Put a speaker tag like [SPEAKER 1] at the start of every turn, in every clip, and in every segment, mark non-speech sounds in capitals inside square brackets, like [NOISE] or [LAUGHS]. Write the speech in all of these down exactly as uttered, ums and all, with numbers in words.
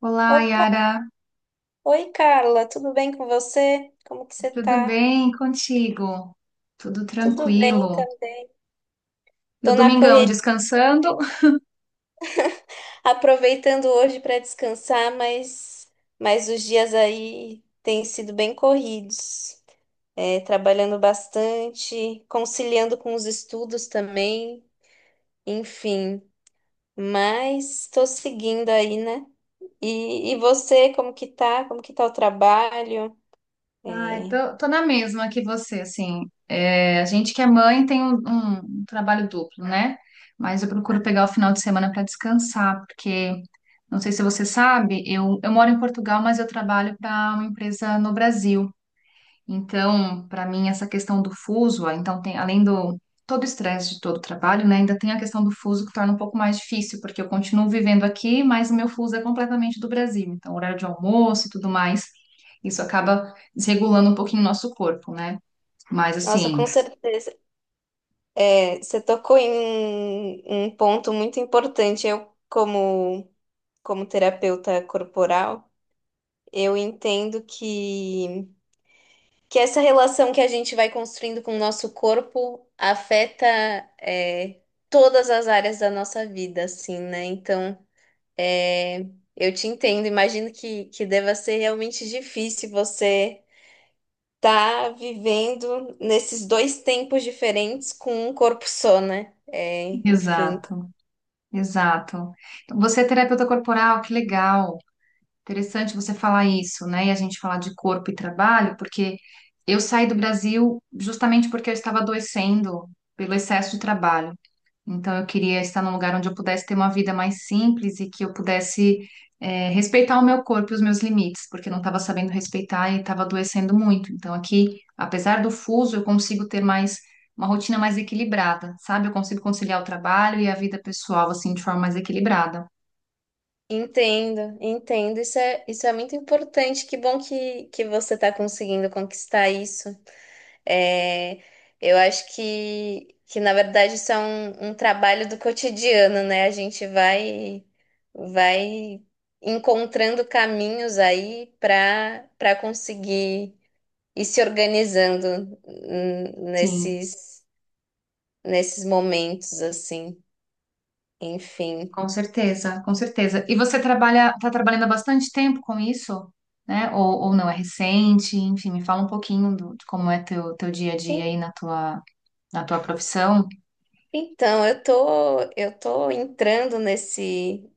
[SPEAKER 1] Olá,
[SPEAKER 2] Opa,
[SPEAKER 1] Yara.
[SPEAKER 2] oi Carla, tudo bem com você? Como que você
[SPEAKER 1] Tudo
[SPEAKER 2] tá?
[SPEAKER 1] bem contigo? Tudo
[SPEAKER 2] Tudo bem
[SPEAKER 1] tranquilo.
[SPEAKER 2] também.
[SPEAKER 1] E o
[SPEAKER 2] Tô na
[SPEAKER 1] domingão
[SPEAKER 2] correria,
[SPEAKER 1] descansando?
[SPEAKER 2] aproveitando hoje para descansar, mas mas os dias aí têm sido bem corridos. É, trabalhando bastante, conciliando com os estudos também, enfim. Mas tô seguindo aí, né? E, e você, como que tá? Como que tá o trabalho? É,
[SPEAKER 1] Ah, tô, tô na mesma que você, assim. É, a gente que é mãe tem um, um um trabalho duplo, né? Mas eu procuro pegar o final de semana para descansar, porque não sei se você sabe, eu, eu moro em Portugal, mas eu trabalho para uma empresa no Brasil. Então, para mim, essa questão do fuso, ah, então tem, além do todo o estresse de todo o trabalho, né, ainda tem a questão do fuso que torna um pouco mais difícil, porque eu continuo vivendo aqui, mas o meu fuso é completamente do Brasil. Então, horário de almoço e tudo mais, isso acaba desregulando um pouquinho o nosso corpo, né? Mas
[SPEAKER 2] nossa,
[SPEAKER 1] assim,
[SPEAKER 2] com certeza. É, você tocou em um um ponto muito importante. Eu, como, como terapeuta corporal, eu entendo que, que essa relação que a gente vai construindo com o nosso corpo afeta, é, todas as áreas da nossa vida, assim, né? Então, é, eu te entendo. Imagino que, que deva ser realmente difícil você estar vivendo nesses dois tempos diferentes com um corpo só, né? É, enfim.
[SPEAKER 1] exato, exato. Então, você é terapeuta corporal, que legal. Interessante você falar isso, né? E a gente falar de corpo e trabalho, porque eu saí do Brasil justamente porque eu estava adoecendo pelo excesso de trabalho. Então, eu queria estar num lugar onde eu pudesse ter uma vida mais simples e que eu pudesse, eh, respeitar o meu corpo e os meus limites, porque eu não estava sabendo respeitar e estava adoecendo muito. Então, aqui, apesar do fuso, eu consigo ter mais uma rotina mais equilibrada, sabe? Eu consigo conciliar o trabalho e a vida pessoal, assim, de forma mais equilibrada.
[SPEAKER 2] Entendo, entendo. Isso é, isso é muito importante. Que bom que, que você está conseguindo conquistar isso. É, eu acho que, que, na verdade, isso é um, um trabalho do cotidiano, né? A gente vai, vai encontrando caminhos aí para para conseguir ir se organizando hum,
[SPEAKER 1] Sim.
[SPEAKER 2] nesses, nesses momentos, assim. Enfim.
[SPEAKER 1] Com certeza, com certeza. E você trabalha, tá trabalhando há bastante tempo com isso, né? Ou, ou não é recente? Enfim, me fala um pouquinho do, de como é teu, teu dia a dia aí na tua, na tua profissão.
[SPEAKER 2] Então, eu tô, eu tô entrando nesse,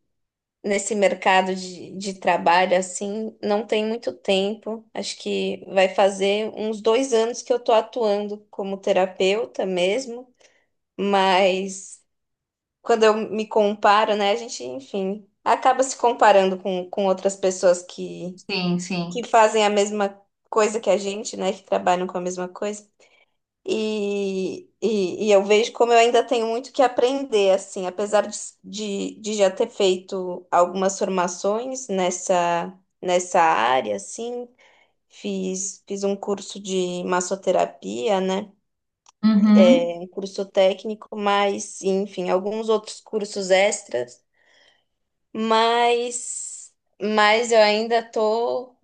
[SPEAKER 2] nesse mercado de, de trabalho, assim, não tem muito tempo. Acho que vai fazer uns dois anos que eu tô atuando como terapeuta mesmo, mas quando eu me comparo, né, a gente, enfim, acaba se comparando com, com outras pessoas que,
[SPEAKER 1] Sim, sim.
[SPEAKER 2] que fazem a mesma coisa que a gente, né, que trabalham com a mesma coisa. E, e, e eu vejo como eu ainda tenho muito que aprender, assim, apesar de, de, de já ter feito algumas formações nessa, nessa área, assim, fiz, fiz um curso de massoterapia, né?
[SPEAKER 1] Uhum.
[SPEAKER 2] É, um curso técnico, mas, enfim, alguns outros cursos extras, mas, mas eu ainda tô,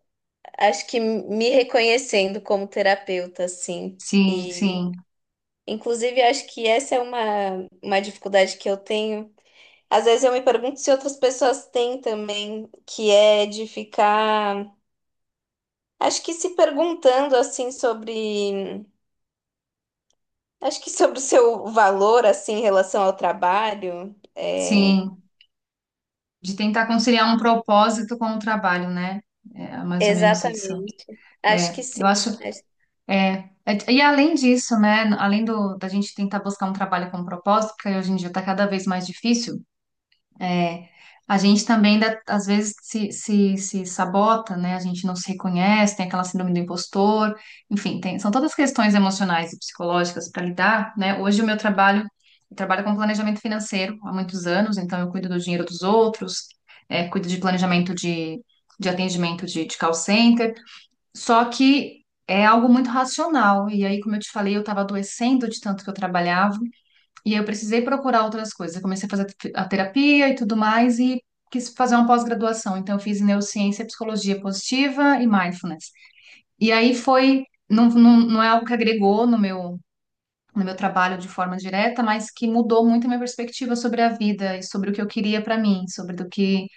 [SPEAKER 2] acho que me reconhecendo como terapeuta, assim.
[SPEAKER 1] Sim, sim,
[SPEAKER 2] Inclusive, acho que essa é uma, uma dificuldade que eu tenho. Às vezes eu me pergunto se outras pessoas têm também, que é de ficar, acho que se perguntando assim sobre, acho que sobre o seu valor assim em relação ao trabalho. É,
[SPEAKER 1] sim. De tentar conciliar um propósito com o trabalho, né? É mais ou menos isso.
[SPEAKER 2] exatamente. Acho
[SPEAKER 1] É,
[SPEAKER 2] que
[SPEAKER 1] eu
[SPEAKER 2] sim.
[SPEAKER 1] acho. É, é- e além disso, né, além do, da gente tentar buscar um trabalho com propósito, porque hoje em dia está cada vez mais difícil, é, a gente também ainda, às vezes se, se, se sabota, né, a gente não se reconhece, tem aquela síndrome do impostor, enfim, tem- são todas questões emocionais e psicológicas para lidar, né, hoje o meu trabalho, eu trabalho com planejamento financeiro há muitos anos, então eu cuido do dinheiro dos outros, é, cuido de planejamento de, de atendimento de, de call center, só que é algo muito racional. E aí, como eu te falei, eu estava adoecendo de tanto que eu trabalhava. E aí eu precisei procurar outras coisas. Eu comecei a fazer te- a terapia e tudo mais. E quis fazer uma pós-graduação. Então, eu fiz neurociência, psicologia positiva e mindfulness. E aí foi. Não, não, não é algo que agregou no meu, no meu trabalho de forma direta, mas que mudou muito a minha perspectiva sobre a vida e sobre o que eu queria para mim, sobre do que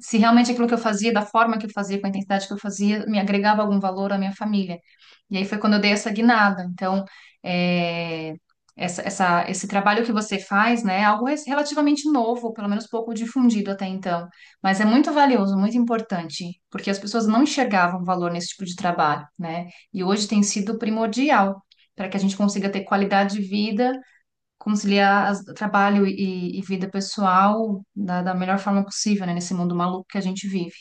[SPEAKER 1] se realmente aquilo que eu fazia, da forma que eu fazia, com a intensidade que eu fazia, me agregava algum valor à minha família. E aí foi quando eu dei essa guinada. Então, é, essa, essa- esse trabalho que você faz, né, é algo res- relativamente novo, pelo menos pouco difundido até então, mas é muito valioso, muito importante, porque as pessoas não enxergavam valor nesse tipo de trabalho, né? E hoje tem sido primordial para que a gente consiga ter qualidade de vida conciliar as- trabalho e, e vida pessoal da, da melhor forma possível, né? Nesse mundo maluco que a gente vive.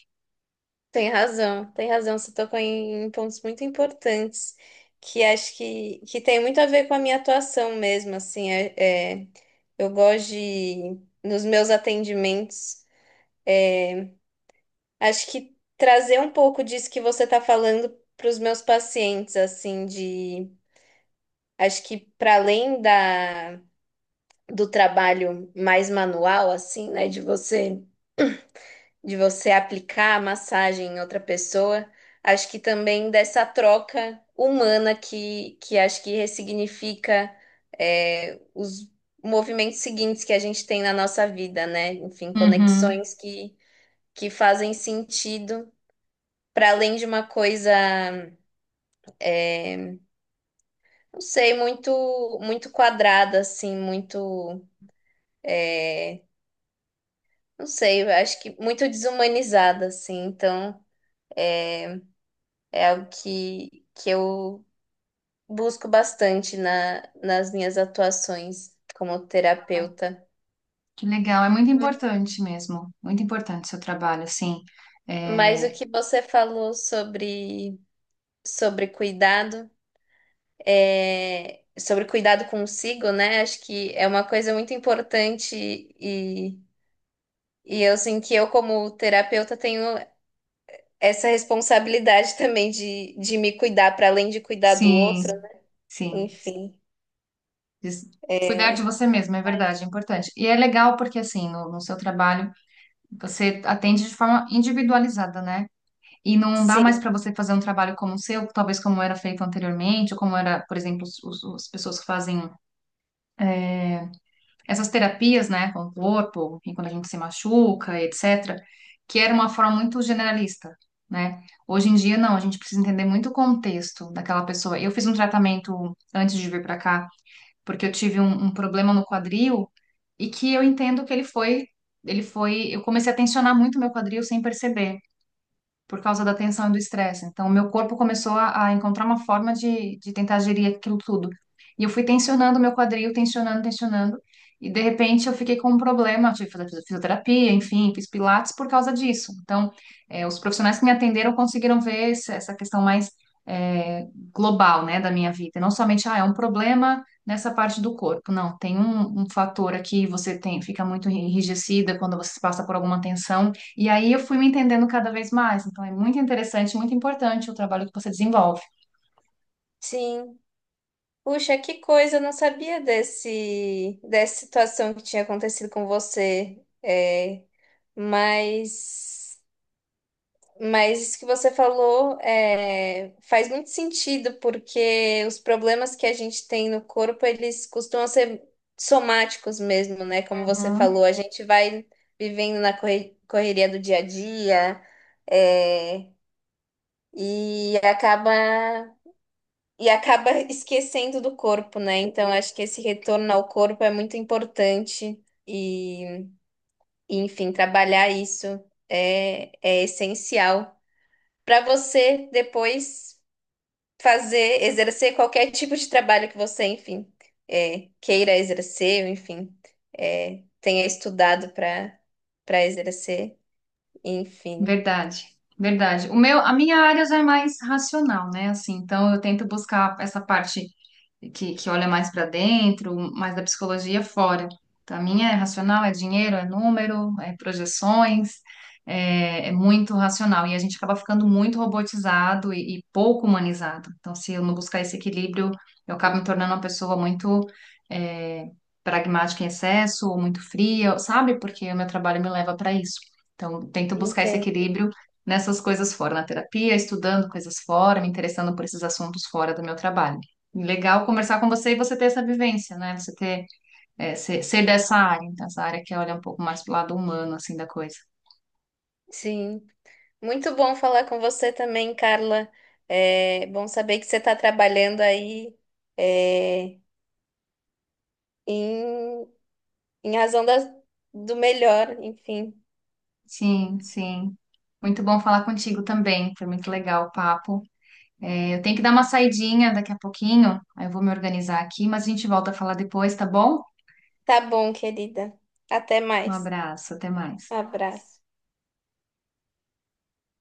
[SPEAKER 2] Tem razão, tem razão. Você tocou em, em pontos muito importantes que acho que, que tem muito a ver com a minha atuação mesmo, assim, é, é, eu gosto de, nos meus atendimentos, é, acho que trazer um pouco disso que você está falando para os meus pacientes, assim, de, acho que para além da, do trabalho mais manual, assim, né, de você de você aplicar a massagem em outra pessoa, acho que também dessa troca humana que, que acho que ressignifica é, os movimentos seguintes que a gente tem na nossa vida, né? Enfim,
[SPEAKER 1] Uhum.
[SPEAKER 2] conexões que, que fazem sentido. Para além de uma coisa, não sei, muito muito quadrada, assim, muito, é, não sei, eu acho que muito desumanizada, assim. Então, é algo que, que eu busco bastante na, nas minhas atuações como
[SPEAKER 1] Ai,
[SPEAKER 2] terapeuta.
[SPEAKER 1] que legal, é muito importante mesmo, muito importante o seu trabalho, assim.
[SPEAKER 2] Mas
[SPEAKER 1] É,
[SPEAKER 2] o que você falou sobre, sobre cuidado, é, sobre cuidado consigo, né? Acho que é uma coisa muito importante e, e eu, assim, que eu, como terapeuta, tenho essa responsabilidade [LAUGHS] também de, de me cuidar para além de cuidar do outro.
[SPEAKER 1] sim, sim.
[SPEAKER 2] Enfim,
[SPEAKER 1] Des- Cuidar de
[SPEAKER 2] é,
[SPEAKER 1] você mesmo, é verdade, é importante. E é legal porque, assim, no, no seu trabalho, você atende de forma individualizada, né? E não dá mais
[SPEAKER 2] sim,
[SPEAKER 1] para você fazer um trabalho como o seu, talvez como era feito anteriormente, ou como era, por exemplo, os, os- as pessoas que fazem é, essas terapias, né, com o corpo, enfim, quando a gente se machuca, etcétera, que era uma forma muito generalista, né? Hoje em dia, não, a gente precisa entender muito o contexto daquela pessoa. Eu fiz um tratamento antes de vir para cá, porque eu tive um, um problema no quadril e que eu entendo que ele foi, ele foi, eu comecei a tensionar muito meu quadril sem perceber por causa da tensão e do estresse. Então, o meu corpo começou a, a encontrar uma forma de, de tentar gerir aquilo tudo. E eu fui tensionando o meu quadril, tensionando, tensionando. E, de repente, eu fiquei com um problema. Eu tive que fazer fisioterapia, enfim, fiz pilates por causa disso. Então, eh, os profissionais que me atenderam conseguiram ver esse- essa questão mais eh, global, né, da minha vida. E não somente, ah, é um problema nessa parte do corpo. Não, tem um, um fator aqui, você tem, fica muito enrijecida quando você passa por alguma tensão. E aí eu fui me entendendo cada vez mais. Então é muito interessante, muito importante o trabalho que você desenvolve.
[SPEAKER 2] sim. Puxa, que coisa, eu não sabia desse, dessa situação que tinha acontecido com você. É, mas, mas isso que você falou é, faz muito sentido, porque os problemas que a gente tem no corpo, eles costumam ser somáticos mesmo, né? Como você falou,
[SPEAKER 1] Uhum.
[SPEAKER 2] a gente vai vivendo na corre- correria do dia a dia, é, e acaba. E acaba esquecendo do corpo, né? Então, acho que esse retorno ao corpo é muito importante. E, e, enfim, trabalhar isso é, é essencial para você depois fazer, exercer qualquer tipo de trabalho que você, enfim, é, queira exercer, enfim, é, tenha estudado para para exercer, enfim.
[SPEAKER 1] Verdade, verdade. O meu, a minha área já é mais racional, né? Assim, então eu tento buscar essa parte que, que olha mais para dentro, mais da psicologia fora. Então, a minha é racional, é dinheiro, é número, é projeções, é, é muito racional. E a gente acaba ficando muito robotizado e, e pouco humanizado. Então, se eu não buscar esse equilíbrio, eu acabo me tornando uma pessoa muito é, pragmática em excesso, ou muito fria, sabe? Porque o meu trabalho me leva para isso. Então, tento buscar esse
[SPEAKER 2] Entendo.
[SPEAKER 1] equilíbrio nessas coisas fora, na terapia, estudando coisas fora, me interessando por esses assuntos fora do meu trabalho. E legal conversar com você e você ter essa vivência, né? Você ter, é, ser, ser dessa área, então, essa área que olha um pouco mais pro lado humano, assim, da coisa.
[SPEAKER 2] Sim. Muito bom falar com você também, Carla. É bom saber que você está trabalhando aí é, em, em razão da, do melhor, enfim.
[SPEAKER 1] Sim, sim. Muito bom falar contigo também. Foi muito legal o papo. É, eu tenho que dar uma saidinha daqui a pouquinho, aí eu vou me organizar aqui, mas a gente volta a falar depois, tá bom?
[SPEAKER 2] Tá bom, querida. Até
[SPEAKER 1] Um
[SPEAKER 2] mais.
[SPEAKER 1] abraço, até mais.
[SPEAKER 2] Abraço.